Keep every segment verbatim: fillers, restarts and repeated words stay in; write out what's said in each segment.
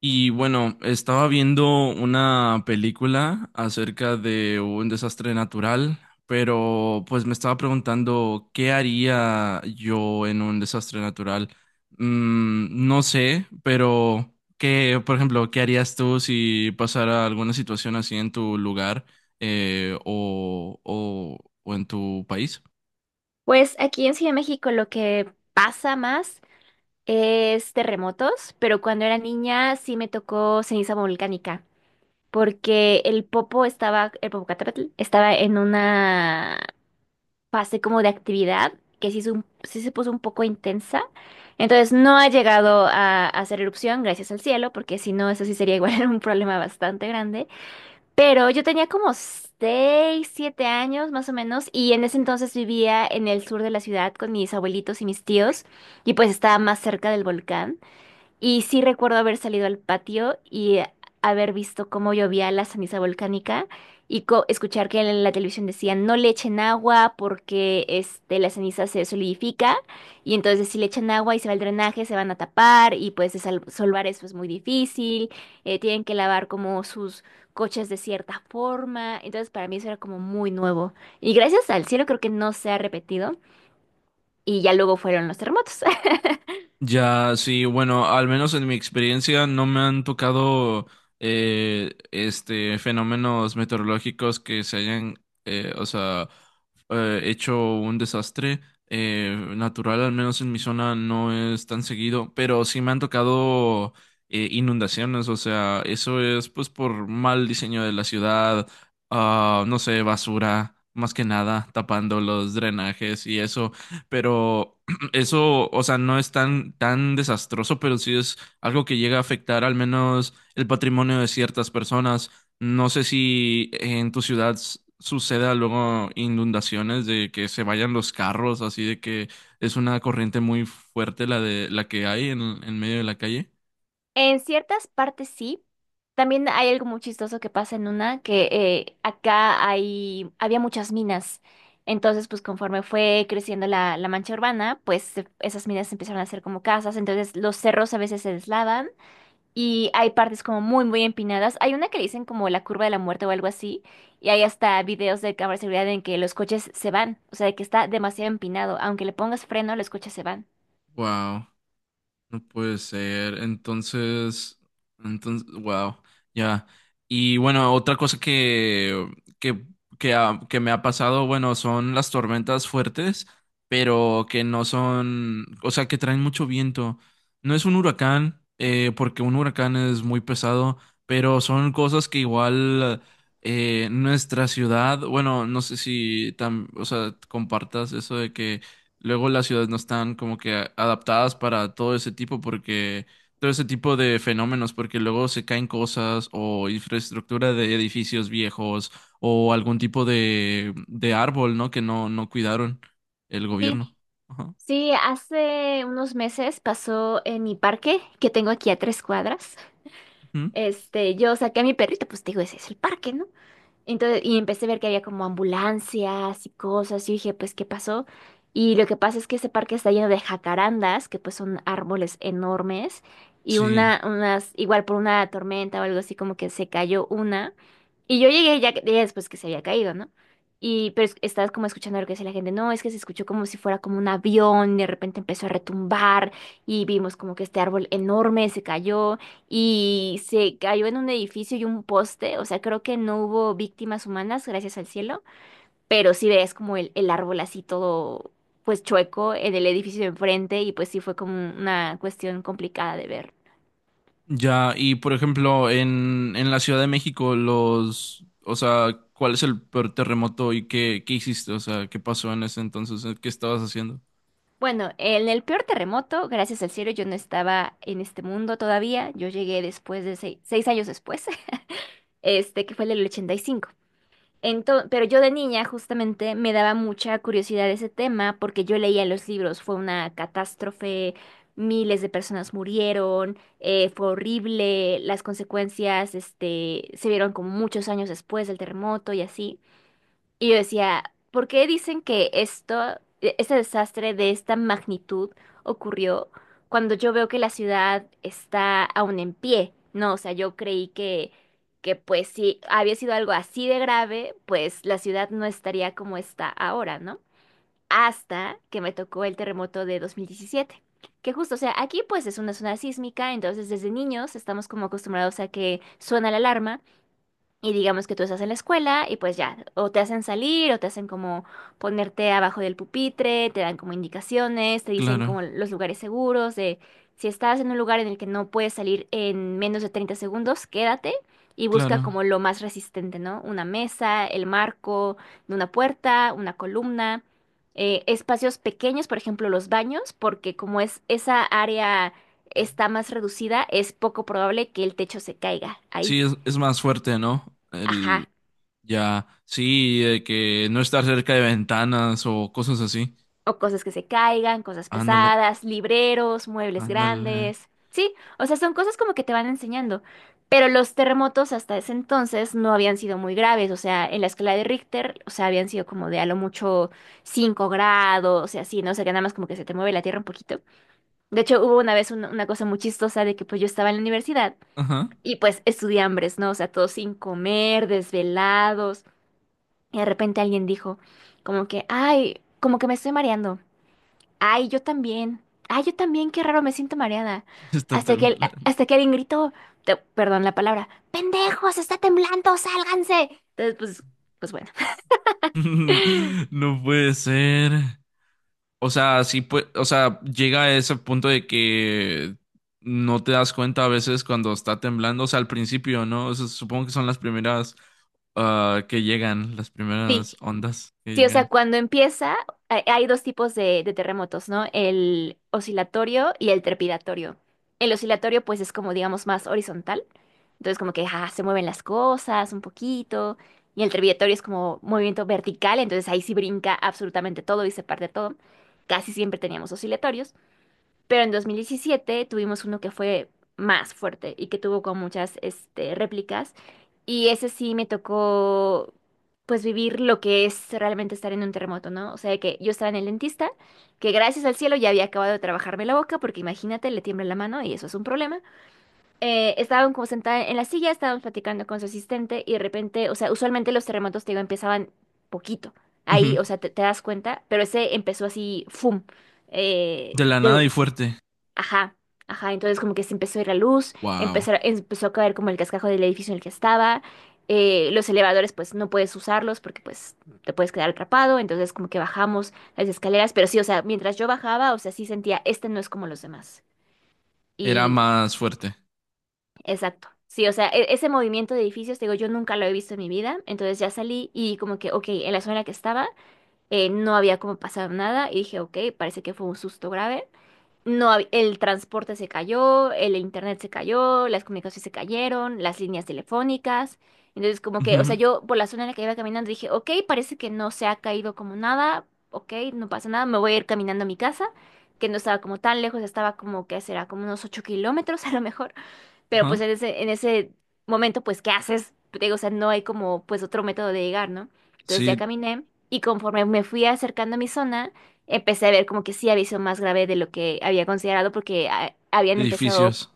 Y bueno, estaba viendo una película acerca de un desastre natural, pero pues me estaba preguntando qué haría yo en un desastre natural. Mm, no sé, pero qué, por ejemplo, ¿qué harías tú si pasara alguna situación así en tu lugar eh, o, o o en tu país? Pues aquí en Ciudad de México lo que pasa más es terremotos, pero cuando era niña sí me tocó ceniza volcánica, porque el Popo estaba, el Popocatépetl estaba en una fase como de actividad que sí, es un- sí se puso un poco intensa. Entonces no ha llegado a, a hacer erupción, gracias al cielo, porque si no, eso sí sería igual un problema bastante grande. Pero yo tenía como seis, siete años más o menos y en ese entonces vivía en el sur de la ciudad con mis abuelitos y mis tíos y pues estaba más cerca del volcán. Y sí recuerdo haber salido al patio y haber visto cómo llovía la ceniza volcánica y co- escuchar que en la televisión decían no le echen agua porque este, la ceniza se solidifica y entonces si le echan agua y se va el drenaje se van a tapar y pues de sal- eso es pues, muy difícil, eh, tienen que lavar como sus coches de cierta forma, entonces para mí eso era como muy nuevo y gracias al cielo creo que no se ha repetido y ya luego fueron los terremotos. Ya, sí, bueno, al menos en mi experiencia no me han tocado eh, este fenómenos meteorológicos que se hayan, eh, o sea, eh, hecho un desastre eh, natural, al menos en mi zona no es tan seguido, pero sí me han tocado eh, inundaciones, o sea, eso es pues por mal diseño de la ciudad, ah, no sé, basura, más que nada, tapando los drenajes y eso, pero eso, o sea, no es tan, tan desastroso, pero sí es algo que llega a afectar al menos el patrimonio de ciertas personas. No sé si en tu ciudad s- suceda luego inundaciones de que se vayan los carros, así de que es una corriente muy fuerte la de la que hay en, en medio de la calle. En ciertas partes sí. También hay algo muy chistoso que pasa en una, que eh, acá hay, había muchas minas. Entonces, pues conforme fue creciendo la, la mancha urbana, pues se- esas minas empezaron a ser como casas. Entonces, los cerros a veces se deslavan y hay partes como muy, muy empinadas. Hay una que le dicen como la curva de la muerte o algo así. Y hay hasta videos de cámara de seguridad en que los coches se van. O sea, de que está demasiado empinado. Aunque le pongas freno, los coches se van. Wow. No puede ser. Entonces, entonces, wow, ya. Y bueno, otra cosa que, que, que, ha- que me ha pasado, bueno, son las tormentas fuertes, pero que no son, o sea, que traen mucho viento. No es un huracán, eh, porque un huracán es muy pesado, pero son cosas que igual eh, nuestra ciudad, bueno, no sé si tam- o sea, compartas eso de que luego las ciudades no están como que a- adaptadas para todo ese tipo porque todo ese tipo de fenómenos porque luego se caen cosas o infraestructura de edificios viejos o algún tipo de de árbol, ¿no? Que no no cuidaron el Sí, gobierno. Ajá. sí, hace unos meses pasó en mi parque que tengo aquí a tres cuadras. Ujú. Este, yo saqué a mi perrito, pues te digo, ese es el parque, ¿no? Entonces, y empecé a ver que había como ambulancias y cosas. Y dije, pues, ¿qué pasó? Y lo que pasa es que ese parque está lleno de jacarandas, que pues son árboles enormes. Y Sí. Una, unas, igual por una tormenta o algo así, como que se cayó una. Y yo llegué ya, que- ya después que se había caído, ¿no? Y pero es- estaba como escuchando lo que decía la gente, no, es que se escuchó como si fuera como un avión, y de repente empezó a retumbar y vimos como que este árbol enorme se cayó y se cayó en un edificio y un poste, o sea, creo que no hubo víctimas humanas, gracias al cielo, pero sí ves como el, el árbol así todo, pues chueco en el edificio de enfrente y pues sí fue como una cuestión complicada de ver. Ya, y por ejemplo, en en la Ciudad de México los o sea, ¿cuál es el peor terremoto y qué qué hiciste? O sea, ¿qué pasó en ese entonces? ¿Qué estabas haciendo? Bueno, en el peor terremoto, gracias al cielo, yo no estaba en este mundo todavía, yo llegué después de seis, seis años después, este que fue el del ochenta y cinco. Ento- pero yo de niña justamente me daba mucha curiosidad ese tema porque yo leía los libros, fue una catástrofe, miles de personas murieron, eh, fue horrible, las consecuencias, este, se vieron como muchos años después del terremoto y así. Y yo decía, ¿por qué dicen que esto, e- ese desastre de esta magnitud ocurrió cuando yo veo que la ciudad está aún en pie? No, o sea, yo creí que, que pues si había sido algo así de grave, pues la ciudad no estaría como está ahora, ¿no? Hasta que me tocó el terremoto de dos mil diecisiete. Que justo, o sea, aquí pues es una zona sísmica, entonces desde niños estamos como acostumbrados a que suena la alarma. Y digamos que tú estás en la escuela y pues ya, o te hacen salir o te hacen como ponerte abajo del pupitre, te dan como indicaciones, te dicen Claro, como los lugares seguros, de si estás en un lugar en el que no puedes salir en menos de treinta segundos, quédate y busca claro. como lo más resistente, ¿no? Una mesa, el marco de una puerta, una columna, eh, espacios pequeños, por ejemplo, los baños, porque como es esa área está más reducida, es poco probable que el techo se caiga ahí. Sí, es, es más fuerte, ¿no? El Ajá, ya, sí, de que no estar cerca de ventanas o cosas así. o cosas que se caigan, cosas Ándale, pesadas, libreros, muebles ándale. grandes. Sí, o sea, son cosas como que te van enseñando. Pero los terremotos hasta ese entonces no habían sido muy graves. O sea, en la escala de Richter, o sea, habían sido como de a lo mucho cinco grados, y así, ¿no? O sea, que nada más como que se te mueve la tierra un poquito. De hecho, hubo una vez una, una cosa muy chistosa de que pues yo estaba en la universidad Ajá. y pues estudié hambres, ¿no? O sea, todos sin comer, desvelados. Y de repente alguien dijo como que, ay, como que me estoy mareando. Ay, yo también. Ay, yo también, qué raro, me siento mareada. Está Hasta que, el- temblando. hasta que alguien gritó, te- perdón la palabra, ¡pendejos, está temblando, sálganse! Entonces, pues, pues, bueno. No puede ser. O sea, sí pues. O sea, llega a ese punto de que no te das cuenta a veces cuando está temblando, o sea, al principio, ¿no? O sea, supongo que son las primeras ah, que llegan, las Sí, primeras ondas que sí, o sea, llegan. cuando empieza, hay hay dos tipos de, de terremotos, ¿no? El oscilatorio y el trepidatorio. El oscilatorio, pues, es como, digamos, más horizontal. Entonces, como que ah, se mueven las cosas un poquito. Y el trepidatorio es como movimiento vertical, entonces ahí sí brinca absolutamente todo y se parte todo. Casi siempre teníamos oscilatorios. Pero en dos mil diecisiete tuvimos uno que fue más fuerte y que tuvo como muchas este, réplicas. Y ese sí me tocó, pues, vivir lo que es realmente estar en un terremoto, ¿no? O sea, que yo estaba en el dentista, que gracias al cielo ya había acabado de trabajarme la boca, porque imagínate, le tiembla la mano y eso es un problema. Eh, estaban como sentada en la silla, estábamos platicando con su asistente y de repente, o sea, usualmente los terremotos, te digo, empezaban poquito. Ujú. Ahí, o sea, te, te das cuenta, pero ese empezó así, ¡fum! Eh, De la nada de, y fuerte. ajá, ajá, entonces como que se empezó a ir la luz, Wow. empezó, empezó a caer como el cascajo del edificio en el que estaba, eh, los elevadores pues no puedes usarlos porque pues te puedes quedar atrapado, entonces como que bajamos las escaleras, pero sí, o sea, mientras yo bajaba, o sea, sí sentía, este no es como los demás. Era Y más fuerte. exacto, sí, o sea, e- ese movimiento de edificios, te digo, yo nunca lo he visto en mi vida, entonces ya salí y como que, ok, en la zona en la que estaba eh, no había como pasado nada y dije, ok, parece que fue un susto grave. No, hab- el transporte se cayó, el internet se cayó, las comunicaciones se cayeron, las líneas telefónicas. Entonces, como que, o sea, Ujú. yo por la zona en la que iba caminando dije, ok, parece que no se ha caído como nada, ok, no pasa nada, me voy a ir caminando a mi casa, que no estaba como tan lejos, estaba como que será como unos ocho kilómetros a lo mejor. Pero pues Ajá. en ese, en ese momento, pues, ¿qué haces? Te digo, o sea, no hay como pues otro método de llegar, ¿no? Entonces ya Sí, caminé y conforme me fui acercando a mi zona, empecé a ver como que sí había sido más grave de lo que había considerado porque ah, habían empezado, edificios.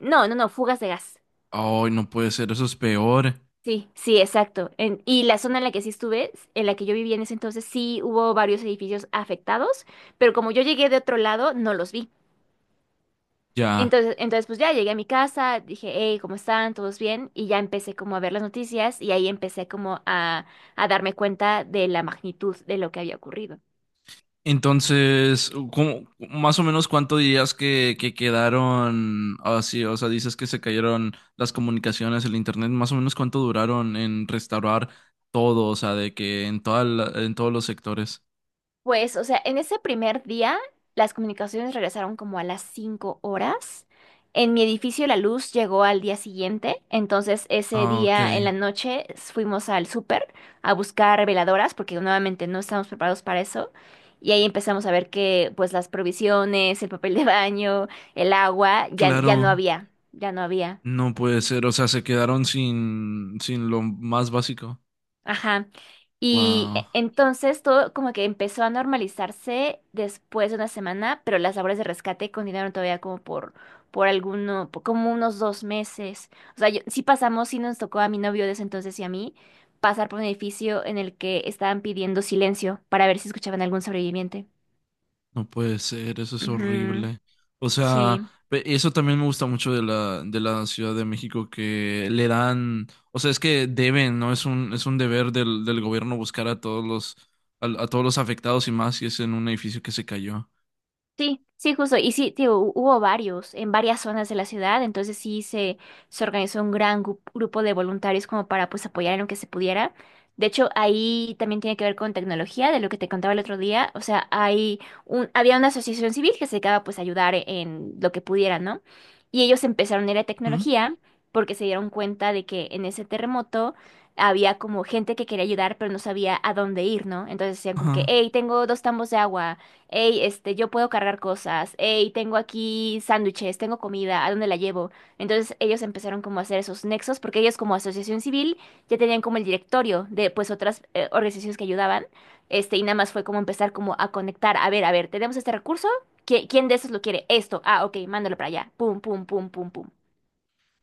no, no, no, fugas de gas. Ay, no puede ser, eso es peor. Sí, sí, exacto. En- y la zona en la que sí estuve, en la que yo vivía en ese entonces, sí hubo varios edificios afectados, pero como yo llegué de otro lado, no los vi. Ya. Entonces, entonces, pues ya llegué a mi casa, dije, hey, ¿cómo están? ¿Todos bien? Y ya empecé como a ver las noticias y ahí empecé como a, a darme cuenta de la magnitud de lo que había ocurrido. Entonces, ¿cómo más o menos cuánto dirías que, que quedaron así? O sea, dices que se cayeron las comunicaciones, el internet, más o menos cuánto duraron en restaurar todo, o sea, de que en toda la- en todos los sectores. Pues, o sea, en ese primer día las comunicaciones regresaron como a las cinco horas. En mi edificio la luz llegó al día siguiente, entonces ese Ah, ok. día en la noche fuimos al súper a buscar veladoras porque nuevamente no estábamos preparados para eso. Y ahí empezamos a ver que pues las provisiones, el papel de baño, el agua, ya, ya no Claro, había, ya no había. no puede ser, o sea, se quedaron sin, sin lo más básico. Ajá. Y Wow. e- entonces todo como que empezó a normalizarse después de una semana, pero las labores de rescate continuaron todavía como por, por alguno, por como unos dos meses. O sea, yo- sí pasamos, sí nos tocó a mi novio de ese entonces y a mí pasar por un edificio en el que estaban pidiendo silencio para ver si escuchaban algún sobreviviente. No puede ser, eso es Ujú, horrible. O sea, sí. pe- eso también me gusta mucho de la, de la Ciudad de México, que le dan, o sea, es que deben, ¿no? Es un, es un deber del, del gobierno buscar a todos los, a, a todos los afectados y más si es en un edificio que se cayó. Sí, sí, justo. Y sí, tío, hu- hubo varios en varias zonas de la ciudad, entonces sí se, se organizó un gran gu- grupo de voluntarios como para pues apoyar en lo que se pudiera. De hecho, ahí también tiene que ver con tecnología, de lo que te contaba el otro día. O sea, hay un, había una asociación civil que se dedicaba pues a ayudar e- en lo que pudiera, ¿no? Y ellos empezaron a ir a ¿Mm? tecnología porque se dieron cuenta de que en ese terremoto había como gente que quería ayudar, pero no sabía a dónde ir, ¿no? Entonces decían como que, Ajá. hey, tengo dos tambos de agua, hey, este, yo puedo cargar cosas, hey, tengo aquí sándwiches, tengo comida, ¿a dónde la llevo? Entonces ellos empezaron como a hacer esos nexos, porque ellos como asociación civil ya tenían como el directorio de pues otras eh, organizaciones que ayudaban, este, y nada más fue como empezar como a conectar, a ver, a ver, tenemos este recurso, ¿qui- ¿quién de esos lo quiere? Esto, ah, ok, mándalo para allá, pum, pum, pum, pum, pum.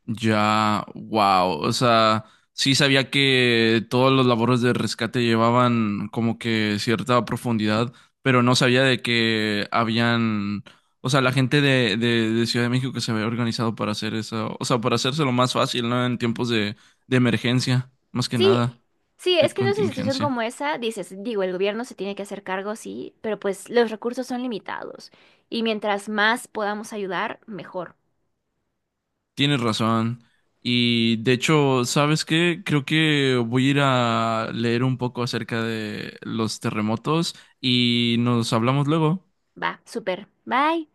Ya, wow. O sea, sí sabía que todos los labores de rescate llevaban como que cierta profundidad, pero no sabía de que habían, o sea, la gente de, de, de Ciudad de México que se había organizado para hacer eso, o sea, para hacérselo más fácil, ¿no? En tiempos de, de emergencia, más que Sí, nada, sí, es de que en una situación contingencia. como esa, dices, digo, el gobierno se tiene que hacer cargo, sí, pero pues los recursos son limitados. Y mientras más podamos ayudar, mejor. Tienes razón. Y de hecho, ¿sabes qué? Creo que voy a ir a leer un poco acerca de los terremotos y nos hablamos luego. Va, súper. Bye.